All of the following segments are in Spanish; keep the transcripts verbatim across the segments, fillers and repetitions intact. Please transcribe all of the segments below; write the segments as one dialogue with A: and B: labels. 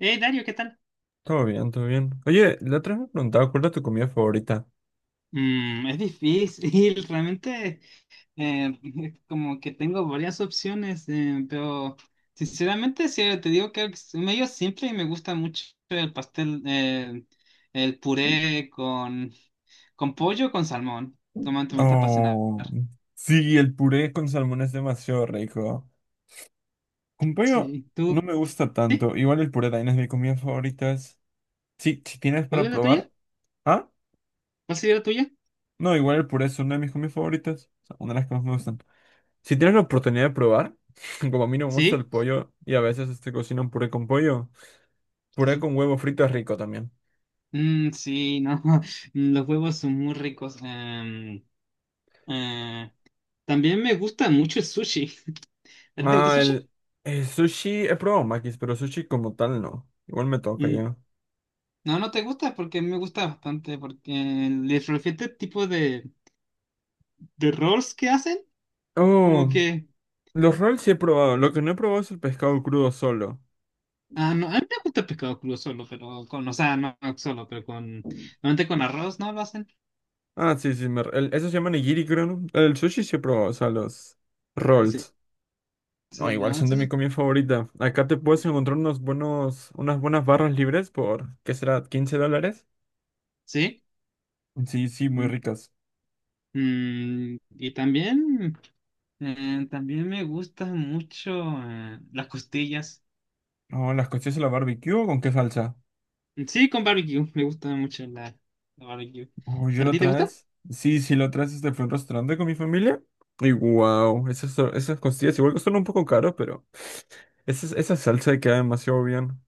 A: Eh, Dario, ¿qué tal?
B: Todo bien, todo bien. Oye, la otra vez me preguntaba cuál era tu comida favorita.
A: Mm, es difícil, realmente eh, como que tengo varias opciones, eh, pero sinceramente si te digo que es medio simple y me gusta mucho el pastel, eh, el puré con, con pollo o con salmón. Toma, me gusta apasionar.
B: Oh, sí, el puré con salmón es demasiado rico. Con pollo
A: Sí,
B: no
A: ¿tú?
B: me gusta
A: ¿Sí?
B: tanto. Igual el puré también es mi comida favorita. es- Sí, si tienes
A: ¿Cuál
B: para
A: es la
B: probar.
A: tuya?
B: Ah,
A: ¿Cuál sería la tuya?
B: no, igual el puré es una de mis comidas favoritas. O sea, una de las que más me gustan. Si tienes la oportunidad de probar, como a mí no me gusta el
A: Sí,
B: pollo y a veces este cocinan puré con pollo,
A: sí,
B: puré
A: sí.
B: con huevo frito es rico también.
A: Mm, sí, no, los huevos son muy ricos. em, eh, también me gusta mucho el sushi. ¿A ti te gusta el
B: Ah,
A: sushi?
B: el, el sushi, he probado makis, pero sushi como tal no. Igual me toca
A: Mm,
B: ya.
A: no, no te gusta porque a mí me gusta bastante, porque les refiero el tipo de, de rolls que hacen, como
B: Oh,
A: que...
B: los rolls sí he probado. Lo que no he probado es el pescado crudo solo.
A: Ah, no, a mí me gusta el pescado crudo solo, pero con, o sea, no solo, pero con, normalmente con arroz, ¿no? Lo hacen.
B: Ah, sí, sí, me, el- eso se llama nigiri, creo, ¿no? El sushi sí he probado, o sea, los
A: Sí,
B: rolls. No,
A: sí,
B: igual
A: no,
B: son
A: eso
B: de mi
A: es-
B: comida favorita. Acá te puedes encontrar unos buenos, unas buenas barras libres por, ¿qué será?, ¿quince dólares?
A: sí.
B: Sí, sí, muy
A: Mm,
B: ricas.
A: mm, y también... Eh, también me gustan mucho eh, las costillas.
B: Oh, ¿las costillas a la barbecue o con qué salsa?
A: Sí, con barbecue. Me gusta mucho la, la barbecue.
B: Oh, yo
A: ¿A
B: lo
A: ti te gusta?
B: traes. Sí, sí, lo traes este fue un restaurante con mi familia. Y wow, esas, son- esas costillas igual que son un poco caros, pero esa, esa salsa queda demasiado bien.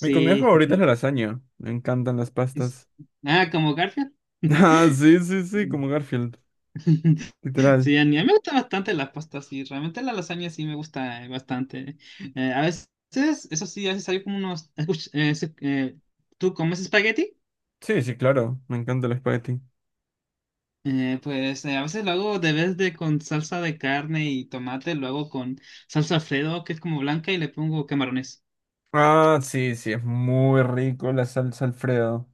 B: Mi comida favorita es la lasaña. Me encantan las
A: Es-
B: pastas.
A: Ah, como Garfield.
B: Ah, sí, sí, sí,
A: Mm.
B: como Garfield, literal.
A: Sí, a mí a mí me gusta bastante las pastas. Sí, realmente la lasaña sí me gusta eh, bastante. Eh, a veces, eso sí, a veces hay como unos... escuch- eh, se- eh, ¿tú comes espagueti?
B: Sí, sí, claro, me encanta el espagueti.
A: Eh, pues eh, a veces lo hago de vez de con salsa de carne y tomate, lo hago con salsa Alfredo, que es como blanca, y le pongo camarones.
B: Ah, sí, sí, es muy rico la salsa Alfredo.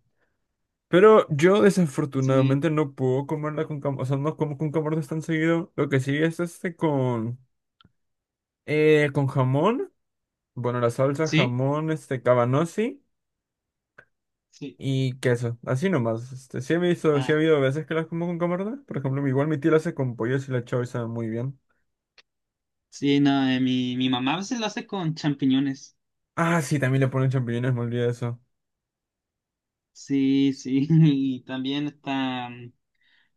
B: Pero yo
A: Sí,
B: desafortunadamente no puedo comerla con cam- o sea, no como con camarones tan seguido. Lo que sí es este con Eh, con jamón, bueno, la salsa,
A: sí,
B: jamón, este, cabanossi
A: sí.
B: y queso, así nomás. Este, sí he visto, sí ha
A: Ah,
B: habido veces que las como con camarón. Por ejemplo, igual mi tía la hace con pollo y la chau y sabe muy bien.
A: sí, no, eh, mi, mi mamá a veces lo hace con champiñones.
B: Ah, sí, también le ponen champiñones, me olvidé de eso.
A: Sí, sí, y también está...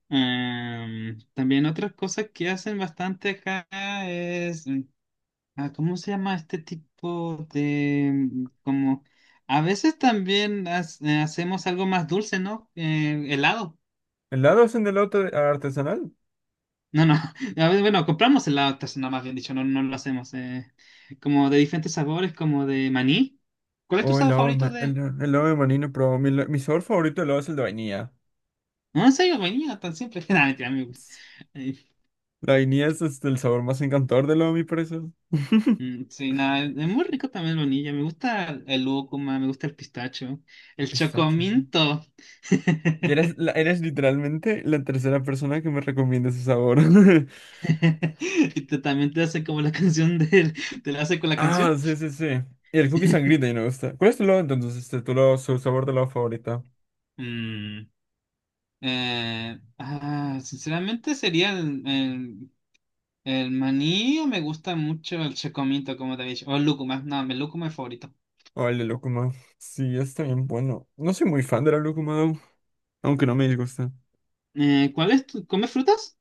A: em, también otra cosa que hacen bastante acá es... mm, ah, ¿cómo se llama este tipo de... mm, como... A veces también hace- eh, hacemos algo más dulce, ¿no? Eh, helado.
B: ¿Helado hacen de helado te- artesanal?
A: No, no. A ver, bueno, compramos helado artesanal, más bien dicho, no, no lo hacemos. eh, como de diferentes sabores, como de maní. ¿Cuál es tu
B: O
A: sabor
B: helado, de
A: favorito
B: ma-
A: de...?
B: hela- helado de maní manino, pero mi, la- mi sabor favorito de helado es el de vainilla.
A: No, en serio, vainilla, tan simple. Nada, mentira, a mí me gusta.
B: Es-
A: Eh,
B: La vainilla es este, el sabor más encantador del helado, a mi parecer.
A: mm, sí, nada, es muy rico también la vainilla. Me gusta el lúcuma, me gusta el pistacho, el
B: Pistacho, ¿no?
A: chocominto.
B: Y Eres, la- eres literalmente la tercera persona que me recomienda ese sabor.
A: Y te- también te hace como la canción del... ¿Te la hace con la
B: Ah,
A: canción?
B: sí, sí, sí. Y el cookie sangrita y no me gusta. ¿Cuál es tu lado entonces? Este, tu lado, su sabor de lado favorita.
A: Mm, eh, ah, sinceramente sería el, El maní. Me gusta mucho el chocomito, como te había dicho. O el lúcuma, no, el lúcuma es favorito.
B: O el de lúcuma. Sí, está bien bueno. No soy muy fan de la lúcuma, though, aunque no me disgusta.
A: Eh, ¿cuál es tu- ¿comes frutas?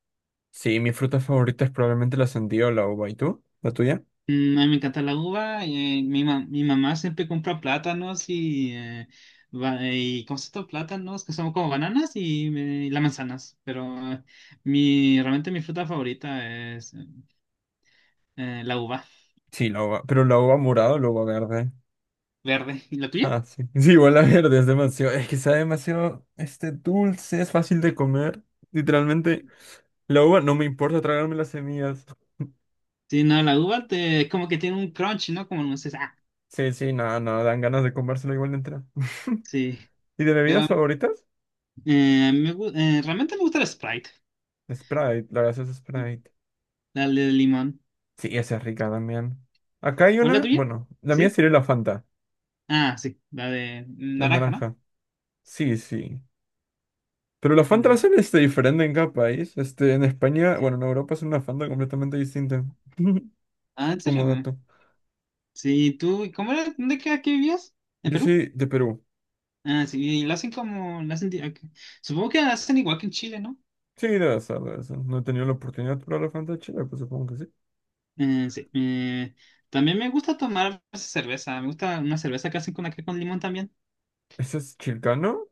B: Sí, mi fruta favorita es probablemente la sandía o la uva. ¿Y tú? ¿La tuya?
A: Mm, a mí me encanta la uva. eh, mi, ma- mi mamá siempre compra plátanos y, eh, ba- y ¿cómo se llama? Plátanos que son como bananas y, me- las manzanas. Pero eh, mi, realmente mi fruta favorita es eh, la uva
B: Sí, la uva. Pero ¿la uva morada o la uva verde?
A: verde. ¿Y la tuya?
B: Ah, sí. Sí, igual la verde es demasiado. Es que sabe demasiado este dulce, es fácil de comer. Literalmente, la uva no me importa tragarme las semillas.
A: Sí, no, la uva te, como que tiene un crunch, ¿no? Como no sé, ah,
B: Sí, sí, nada, no, no, dan ganas de comérsela igual entera.
A: sí.
B: ¿Y de bebidas
A: Pero
B: favoritas?
A: eh, me, gu- eh, realmente me gusta el Sprite.
B: Sprite, la gaseosa Sprite.
A: La de limón.
B: Sí, esa es rica también. Acá hay
A: ¿Cuál es la
B: una,
A: tuya?
B: bueno, la mía
A: ¿Sí?
B: sería la Fanta,
A: Ah, sí. La de
B: la
A: naranja, ¿no?
B: naranja. Sí, sí. Pero la Fanta la
A: Mm,
B: hacen este, diferente en cada país. Este, en España,
A: sí.
B: bueno, en Europa es una Fanta completamente distinta.
A: Ah, ¿en serio?
B: Como
A: Mm.
B: dato.
A: Sí, tú, ¿cómo era? ¿Dónde que aquí vivías? ¿En
B: Yo
A: Perú?
B: soy de Perú.
A: Ah, sí, y la hacen como, la hacen, di- ok. Supongo que la hacen igual que en Chile, ¿no?
B: Sí, debe ser, debe ser. No he tenido la oportunidad de probar la Fanta de Chile, pues supongo que sí.
A: Eh, sí. Eh, también me gusta tomar a veces cerveza. Me gusta una cerveza que hacen con acá con limón también.
B: ¿Ese es chilcano?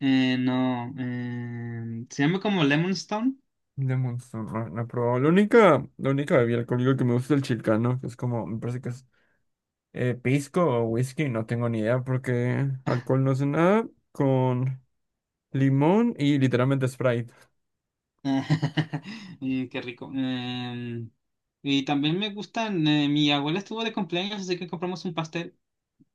A: Eh, no, eh, se llama como Lemon Stone.
B: De Monster, no, no he probado. La única, la única bebida alcohólica que me gusta es el chilcano, que es como, me parece que es Eh, pisco o whisky, no tengo ni idea porque alcohol no sé nada. Con limón y literalmente Sprite.
A: Mm, qué rico. Eh, Y también me gustan, eh, mi abuela estuvo de cumpleaños, así que compramos un pastel.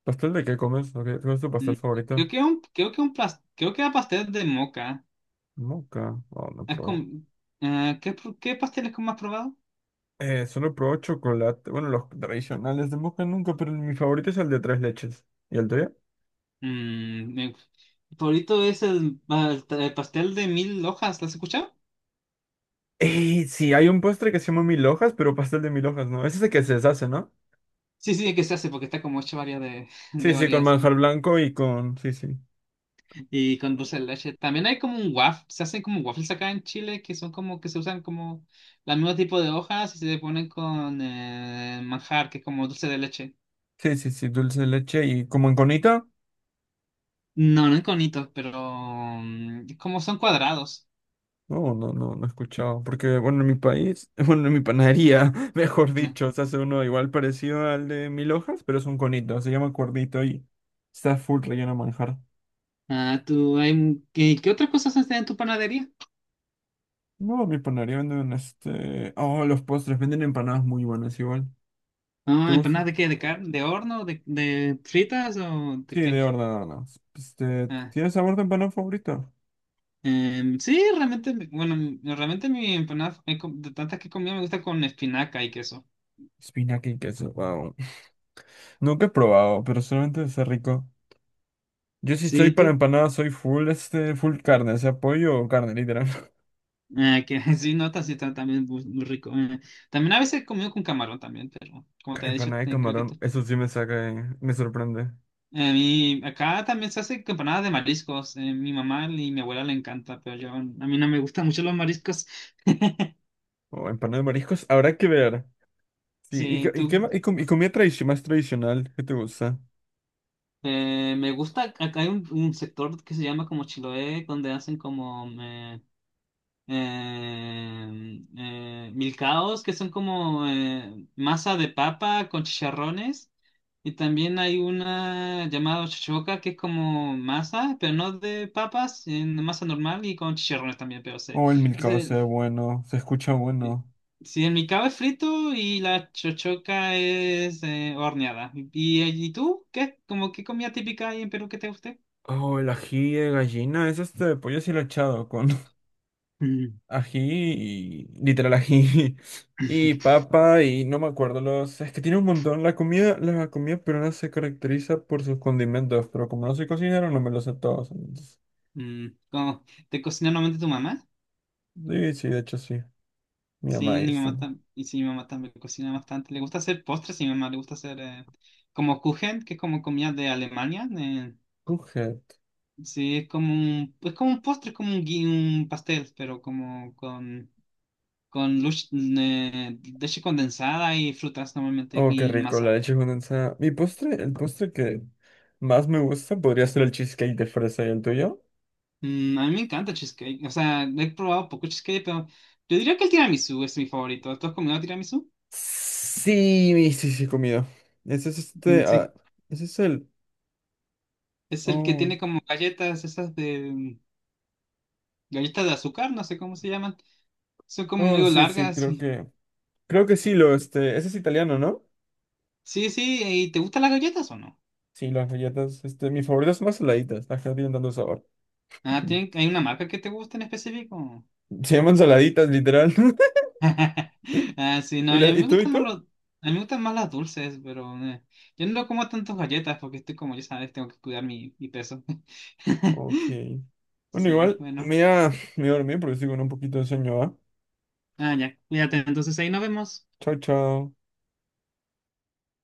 B: ¿Pastel de qué comes? ¿O qué- ¿Cuál es tu
A: Mm,
B: pastel
A: Creo
B: favorito?
A: que un, creo que un plas- creo que era pastel de moca.
B: Moca. Oh, no
A: Es
B: probó.
A: con, eh, ¿qué, pro- qué pasteles como has probado?
B: Eh, solo probó chocolate. Bueno, los tradicionales de moca nunca, pero mi favorito es el de tres leches. ¿Y el tuyo?
A: Mm, mi favorito es el, pa- el pastel de mil hojas, ¿lo has escuchado?
B: Eh, sí, hay un postre que se llama mil hojas, pero pastel de mil hojas, ¿no? Es ese que se deshace, ¿no?
A: Sí, sí, que se hace porque está como hecho varias de,
B: Sí,
A: de
B: sí, con
A: varias
B: manjar blanco y con... Sí, sí.
A: y con dulce de leche. También hay como un waffle, se hacen como waffles acá en Chile que son como que se usan como el mismo tipo de hojas y se le ponen con eh, manjar, que es como dulce de leche.
B: Sí, sí, sí, dulce de leche y como en conita.
A: No, no en conitos, pero mm, es como son cuadrados.
B: No, no, no, no he escuchado. Porque, bueno, en mi país, bueno, en mi panadería, mejor
A: No.
B: dicho, se hace uno igual parecido al de mil hojas, pero es un conito, se llama cuernito y está full relleno de manjar.
A: Ah, tú, hay, un- ¿qué, qué otras cosas hacen en tu panadería?
B: No, en mi panadería venden este. Oh, los postres, venden empanadas muy buenas igual. ¿Te
A: Ah,
B: gusta?
A: ¿empanadas de qué? ¿De carne? ¿De horno? ¿De, de fritas? ¿O de
B: Sí,
A: qué?
B: de horneadas. Este,
A: Ah,
B: ¿tienes sabor de empanada favorito?
A: em, sí, realmente, mi- bueno, mi- realmente mi empanada, eh, com- de tantas que he comido, me gusta con espinaca y queso.
B: Espinaca y queso, wow. Nunca he probado, pero solamente es rico. Yo si estoy
A: Sí,
B: para
A: tú.
B: empanadas, soy full, este, full carne, o sea, pollo o carne, literal.
A: Ah, que sí, notas y está también muy, muy rico. Eh, también a veces he comido con camarón también, pero como te he dicho,
B: Empanada de
A: te- creo que
B: camarón,
A: tú
B: eso sí me saca, eh, me sorprende.
A: a mí, acá también se hace empanadas de mariscos. eh, mi mamá y mi abuela le encanta, pero yo, a mí no me gustan mucho los mariscos.
B: O empanada de mariscos, habrá que ver. Sí, y, qué-
A: Sí,
B: y, qué
A: tú,
B: ma- y com- y comida tradici- más tradicional, ¿qué te gusta?
A: eh, me gusta, acá hay un, un sector que se llama como Chiloé, donde hacen como eh, eh, eh, milcaos, que son como eh, masa de papa con chicharrones. Y también hay una llamada chochoca, que es como masa, pero no de papas, en masa normal y con chicharrones también, pero se...
B: Oh, el milcao se ve bueno, se escucha
A: Sí,
B: bueno.
A: sí, el micao es frito y la chochoca es eh, horneada. ¿Y, y tú? ¿Qué? ¿Cómo qué comida típica hay en Perú que te guste?
B: Oh, el ají de gallina, es este pollo deshilachado con
A: Mm.
B: ají y literal ají y papa y no me acuerdo los. Es que tiene un montón. La comida, la comida peruana se caracteriza por sus condimentos, pero como no soy cocinero, no me los sé todos. entonces-
A: Mm, ¿cómo? ¿Te cocina normalmente tu mamá?
B: Sí, sí, de hecho sí. Mi mamá
A: Sí,
B: ahí
A: mi
B: está,
A: mamá
B: ¿no?
A: tam- y sí, mi mamá también cocina bastante. Le gusta hacer postres, y mi mamá le gusta hacer eh, como Kuchen, que es como comida de Alemania. Eh,
B: Cujat.
A: sí, es como un, es como un postre, es como un, gui- un pastel, pero como con, con lush- eh, leche condensada y frutas normalmente
B: Oh, qué
A: y en
B: rico, la
A: masa.
B: leche condensada. Mi postre, el postre que más me gusta podría ser el cheesecake de fresa y el tuyo.
A: Mm, a mí me encanta cheesecake. O sea, he probado poco cheesecake, pero yo diría que el tiramisú es mi favorito. ¿Tú has comido tiramisú?
B: Sí, sí, sí, he comido. Ese es
A: Mm,
B: este, ah,
A: sí,
B: ese es el,
A: es el que tiene
B: oh,
A: como galletas, esas de mm, galletas de azúcar, no sé cómo se llaman. Son como
B: oh,
A: medio
B: sí, sí,
A: largas
B: creo
A: y...
B: que, creo que sí, lo, este, ese es italiano, ¿no?
A: Sí, sí, ¿y te gustan las galletas o no?
B: Sí, las galletas, este, mis favoritas son más saladitas, las que no tienen tanto sabor.
A: Ah, ¿tienen- ¿hay una marca que te gusta en específico?
B: Se llaman saladitas, literal.
A: Ah, sí,
B: ¿Y,
A: no, y
B: la-
A: a mí
B: y
A: me
B: tú, y
A: gustan más
B: tú?
A: los, a mí me gustan más las dulces, pero eh, yo no como tantas galletas porque estoy como, ya sabes, tengo que cuidar mi, mi peso.
B: Ok. Bueno,
A: Sí,
B: igual, me
A: bueno.
B: voy a, me voy a dormir porque estoy con un poquito de sueño, ¿va?
A: Ah, ya, cuídate. Entonces ahí nos vemos.
B: Chao, chao.